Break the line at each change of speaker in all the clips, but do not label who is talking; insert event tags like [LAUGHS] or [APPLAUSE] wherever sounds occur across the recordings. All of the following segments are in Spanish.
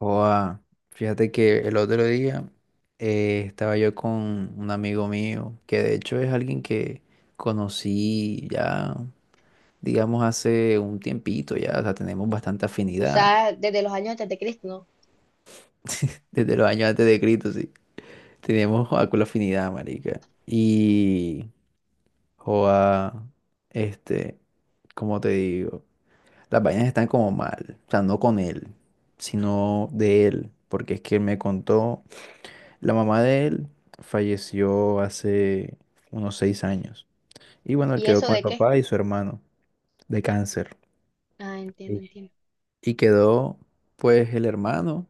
Joa, fíjate que el otro día estaba yo con un amigo mío, que de hecho es alguien que conocí ya, digamos, hace un tiempito ya, o sea, tenemos bastante
O
afinidad,
sea, desde los años antes de Cristo, ¿no?
[LAUGHS] desde los años antes de Cristo, sí, tenemos joa, con la afinidad, marica. Y, joa, este, como te digo, las vainas están como mal, o sea, no con él, sino de él, porque es que él me contó. La mamá de él falleció hace unos 6 años. Y bueno, él
¿Y
quedó
eso
con el
de qué?
papá y su hermano de cáncer.
Ah, entiendo, entiendo.
Y quedó pues el hermano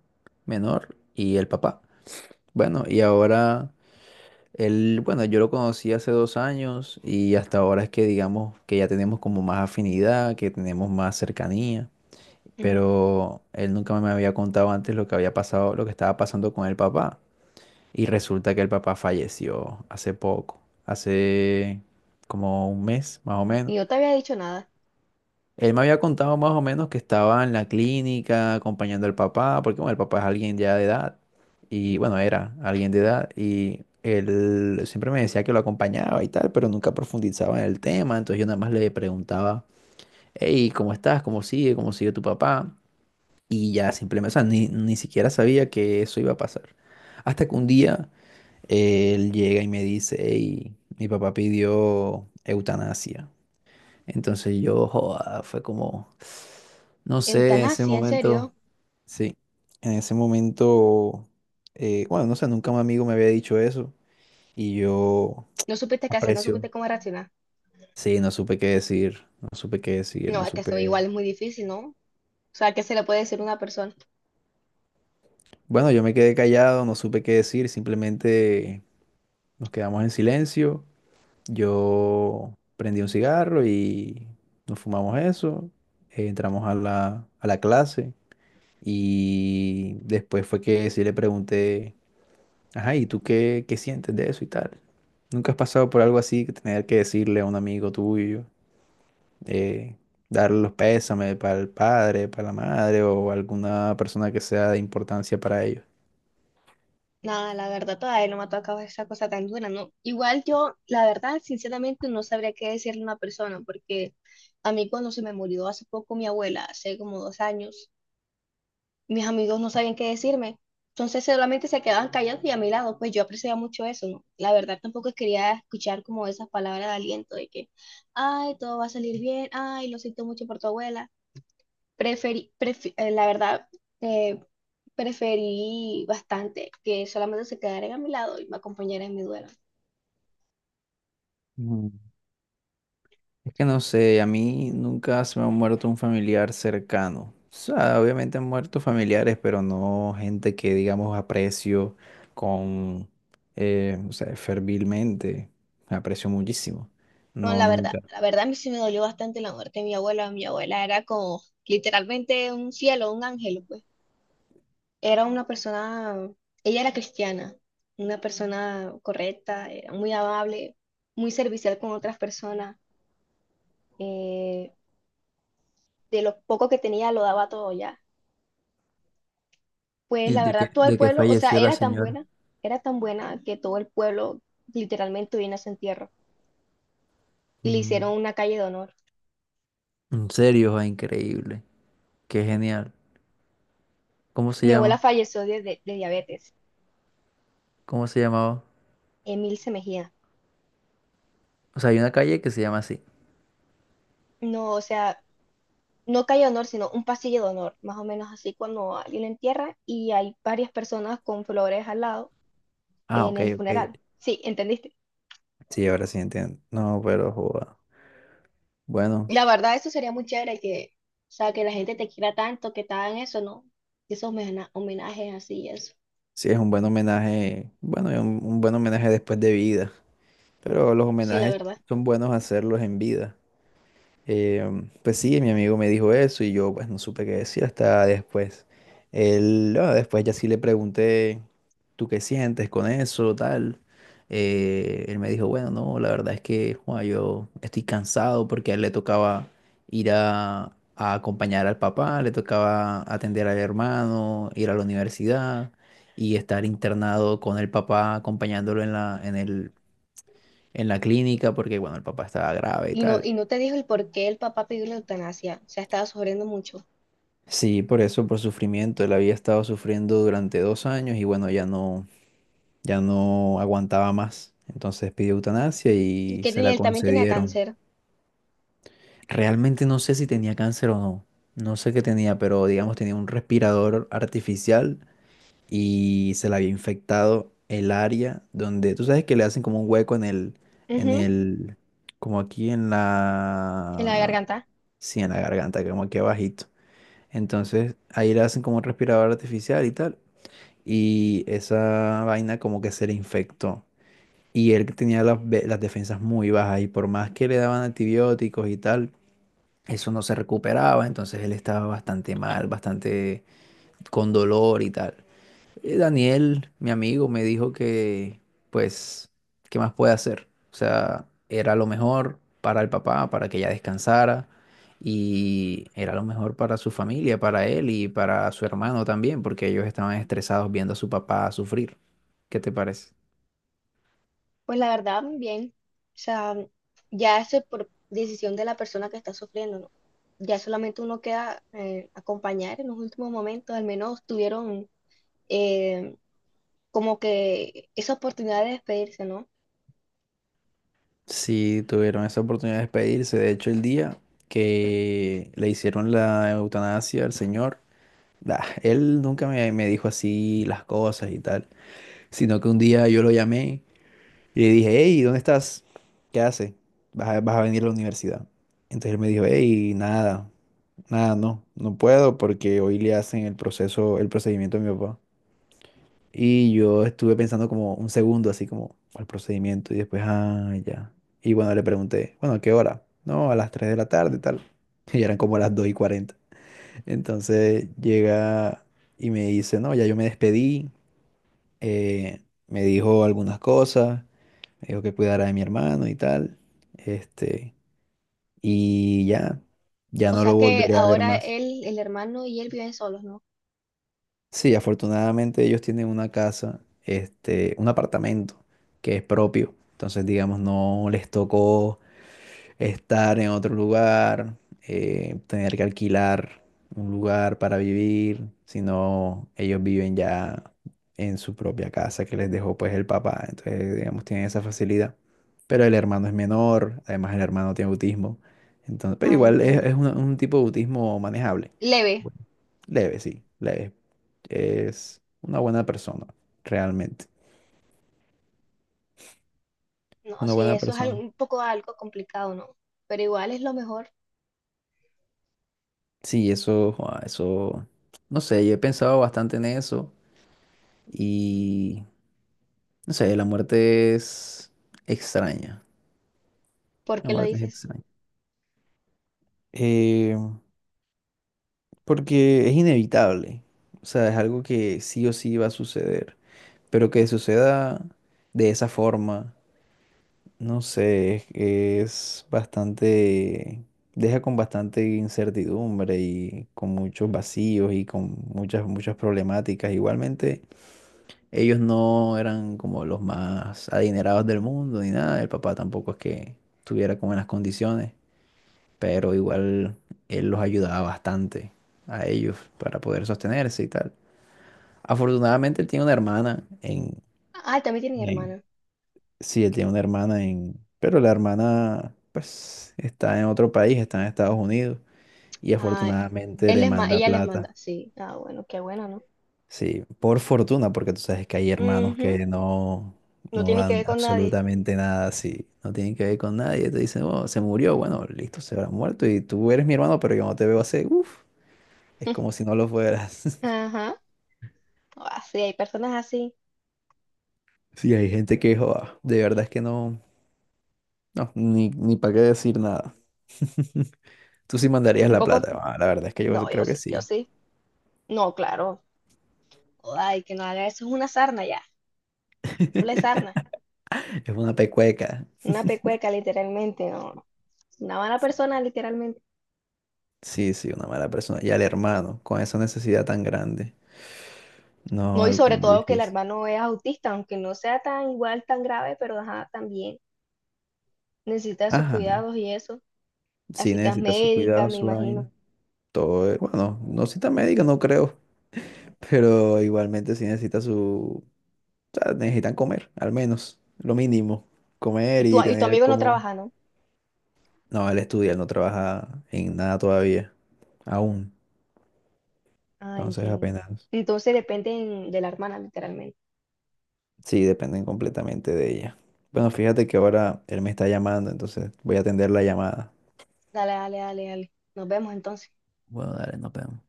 menor y el papá. Bueno, y ahora él, bueno, yo lo conocí hace 2 años y hasta ahora es que digamos que ya tenemos como más afinidad, que tenemos más cercanía.
Ujú.
Pero él nunca me había contado antes lo que había pasado, lo que estaba pasando con el papá. Y resulta que el papá falleció hace poco, hace como un mes más o menos.
Y yo te había dicho nada.
Él me había contado más o menos que estaba en la clínica acompañando al papá, porque bueno, el papá es alguien ya de edad, y bueno, era alguien de edad, y él siempre me decía que lo acompañaba y tal, pero nunca profundizaba en el tema, entonces yo nada más le preguntaba, hey, ¿cómo estás? ¿Cómo sigue? ¿Cómo sigue tu papá? Y ya simplemente, o sea, ni siquiera sabía que eso iba a pasar. Hasta que un día... Él llega y me dice, hey, mi papá pidió eutanasia. Entonces yo, joda, fue como, no sé, en ese
Eutanasia, ¿en
momento,
serio?
sí, en ese momento, bueno, no sé, nunca un amigo me había dicho eso y yo
¿No supiste qué hacer? ¿No
aprecio.
supiste cómo reaccionar?
Sí, no supe qué decir, no supe qué decir,
No,
no
es que eso
supe.
igual es muy difícil, ¿no? O sea, ¿qué se le puede decir a una persona?
Bueno, yo me quedé callado, no supe qué decir, simplemente nos quedamos en silencio. Yo prendí un cigarro y nos fumamos eso. Entramos a la clase y después fue que sí le pregunté, ajá, ¿y tú qué sientes de eso y tal? ¿Nunca has pasado por algo así que tener que decirle a un amigo tuyo, eh, darle los pésames para el padre, para la madre o alguna persona que sea de importancia para ellos?
Nada, la verdad todavía no me ha tocado esa cosa tan dura, ¿no? Igual yo, la verdad, sinceramente no sabría qué decirle a una persona, porque a mí cuando se me murió hace poco mi abuela, hace como 2 años, mis amigos no sabían qué decirme. Entonces solamente se quedaban callados y a mi lado, pues yo apreciaba mucho eso, ¿no? La verdad tampoco quería escuchar como esas palabras de aliento de que, ay, todo va a salir bien, ay, lo siento mucho por tu abuela. Preferí, la verdad, eh, preferí bastante que solamente se quedaran a mi lado y me acompañaran en mi duelo.
Mm. Es que no sé, a mí nunca se me ha muerto un familiar cercano. O sea, obviamente han muerto familiares, pero no gente que, digamos, aprecio con, o sea, fervilmente. Aprecio muchísimo.
No,
No, nunca.
la verdad a mí sí me dolió bastante la muerte de mi abuela. Mi abuela era como literalmente un cielo, un ángel, pues. Era una persona, ella era cristiana, una persona correcta, era muy amable, muy servicial con otras personas. eh, de lo poco que tenía lo daba todo ya. Pues
Y
la
de que,
verdad, todo el
de que
pueblo, o sea,
falleció la señora.
era tan buena que todo el pueblo literalmente vino a su entierro y le hicieron
Mm,
una calle de honor.
en serio, ah, increíble. Qué genial. ¿Cómo se
Mi abuela
llama?
falleció de diabetes,
¿Cómo se llamaba?
Emilce Mejía.
O sea, hay una calle que se llama así.
No, o sea, no calle de honor, sino un pasillo de honor, más o menos así cuando alguien la entierra y hay varias personas con flores al lado
Ah,
en
ok,
el
ok.
funeral. Sí, ¿entendiste?
Sí, ahora sí entiendo. No, pero joda. Bueno.
La verdad, eso sería muy chévere que, o sea, que la gente te quiera tanto, que te hagan eso, ¿no? Esos homenajes así y eso.
Sí, es un buen homenaje, bueno, es un buen homenaje después de vida, pero los
Sí, la
homenajes
verdad.
son buenos hacerlos en vida. Eh, pues sí, mi amigo me dijo eso y yo pues no supe qué decir hasta después. Él, ah, después ya sí le pregunté, ¿tú qué sientes con eso, tal? Él me dijo, bueno, no, la verdad es que joa, yo estoy cansado porque a él le tocaba ir a acompañar al papá, le tocaba atender al hermano, ir a la universidad y estar internado con el papá acompañándolo en la clínica porque, bueno, el papá estaba grave y tal.
Y no te dijo el por qué el papá pidió la eutanasia. O sea, estaba sufriendo mucho.
Sí, por eso, por sufrimiento. Él había estado sufriendo durante 2 años y bueno, ya no aguantaba más. Entonces pidió eutanasia
Y
y
que
se
tenía,
la
él también tenía
concedieron.
cáncer.
Realmente no sé si tenía cáncer o no. No sé qué tenía, pero digamos tenía un respirador artificial y se le había infectado el área donde, tú sabes que le hacen como un hueco en
Ujú.
el, como aquí en
En la
la,
garganta.
sí, en la garganta, como aquí abajito. Entonces ahí le hacen como un respirador artificial y tal. Y esa vaina como que se le infectó. Y él tenía las defensas muy bajas y por más que le daban antibióticos y tal, eso no se recuperaba, entonces él estaba bastante mal, bastante con dolor y tal. Daniel, mi amigo, me dijo que, pues, ¿qué más puede hacer? O sea, era lo mejor para el papá, para que ella descansara, y era lo mejor para su familia, para él y para su hermano también, porque ellos estaban estresados viendo a su papá sufrir. ¿Qué te parece?
Pues la verdad, bien. O sea, ya eso es por decisión de la persona que está sufriendo, ¿no? Ya solamente uno queda acompañar en los últimos momentos. Al menos tuvieron eh, como que esa oportunidad de despedirse, ¿no?
Sí, tuvieron esa oportunidad de despedirse. De hecho, el día que le hicieron la eutanasia al señor, bah, él nunca me dijo así las cosas y tal, sino que un día yo lo llamé y le dije, hey, ¿dónde estás? ¿Qué haces? ¿Vas a venir a la universidad? Entonces él me dijo, hey, nada, nada, no, no puedo porque hoy le hacen el proceso, el procedimiento a mi papá. Y yo estuve pensando como un segundo, así como al procedimiento, y después, ah, ya. Y bueno, le pregunté, bueno, ¿a qué hora? No, a las 3 de la tarde, tal. [LAUGHS] Y eran como las 2:40. Entonces llega y me dice, no, ya yo me despedí, eh, me dijo algunas cosas. Me dijo que cuidara de mi hermano y tal. Este, y ya, ya
O
no
sea
lo
que
volveré a ver
ahora
más.
él, el hermano y él viven solos, ¿no?
Sí, afortunadamente ellos tienen una casa, este, un apartamento que es propio. Entonces, digamos, no les tocó estar en otro lugar, tener que alquilar un lugar para vivir, sino ellos viven ya en su propia casa que les dejó pues el papá, entonces digamos tienen esa facilidad. Pero el hermano es menor, además el hermano tiene autismo, entonces, pero
Ah,
igual
entiendo.
es un tipo de autismo manejable,
Leve,
leve, sí, leve. Es una buena persona, realmente,
no,
una
sí,
buena
eso es
persona.
un poco algo complicado, ¿no? Pero igual es lo mejor.
Sí, eso, joa, eso, no sé, yo he pensado bastante en eso. Y no sé, la muerte es extraña.
¿Por
La
qué lo
muerte es
dices?
extraña. Eh, Porque es inevitable. O sea, es algo que sí o sí va a suceder. Pero que suceda de esa forma, no sé, es bastante... Deja con bastante incertidumbre y con muchos vacíos y con muchas, muchas problemáticas. Igualmente, ellos no eran como los más adinerados del mundo ni nada. El papá tampoco es que estuviera como en las condiciones, pero igual él los ayudaba bastante a ellos para poder sostenerse y tal. Afortunadamente él tiene una hermana en,
Ah, también tienen
en-
hermana.
sí, él tiene una hermana en, pero la hermana pues está en otro país, está en Estados Unidos y
Ah,
afortunadamente
él
le manda
ella les
plata.
manda, sí. Ah, bueno, qué bueno, ¿no?
Sí, por fortuna, porque tú sabes que hay hermanos
Ujú.
que no,
No
no
tiene que ver
dan
con nadie.
absolutamente nada, sí, no tienen que ver con nadie, te dicen, oh, se murió, bueno, listo, se habrá muerto y tú eres mi hermano, pero yo no te veo hace, uff, es como
[LAUGHS]
si no lo fueras. [LAUGHS]
Ajá. Ah, sí, hay personas así.
Sí, hay gente que, joda, de verdad es que no, no, ni para qué decir nada. [LAUGHS] Tú sí mandarías
Un
la
poco.
plata, ah, la verdad es que yo
No, yo
creo que
sí, yo
sí.
sí. No, claro. Ay, que no haga eso es una sarna ya. Una
[LAUGHS]
sarna.
Es una pecueca.
Una pecueca, literalmente, no. Una mala persona, literalmente.
Sí, sí, una mala persona. Y al hermano, con esa necesidad tan grande. No,
No, y
algo
sobre
muy
todo que el
difícil.
hermano es autista, aunque no sea tan igual, tan grave, pero ajá, también necesita de sus
Ajá.
cuidados y eso. Las
Sí
citas
necesita su
médicas,
cuidado,
me
su
imagino.
vaina. Todo, bueno, no cita médica, no creo, [LAUGHS] pero igualmente sí necesita su, o sea, necesitan comer, al menos, lo mínimo, comer
Y tu,
y
y tu
tener
amigo no
como...
trabaja, ¿no?
No, él estudia, él no trabaja en nada todavía, aún,
Ah,
entonces
entiendo.
apenas,
Entonces dependen de la hermana, literalmente.
sí, dependen completamente de ella. Bueno, fíjate que ahora él me está llamando, entonces voy a atender la llamada.
Dale, dale, dale, dale. Nos vemos entonces.
Bueno, dale, nos vemos.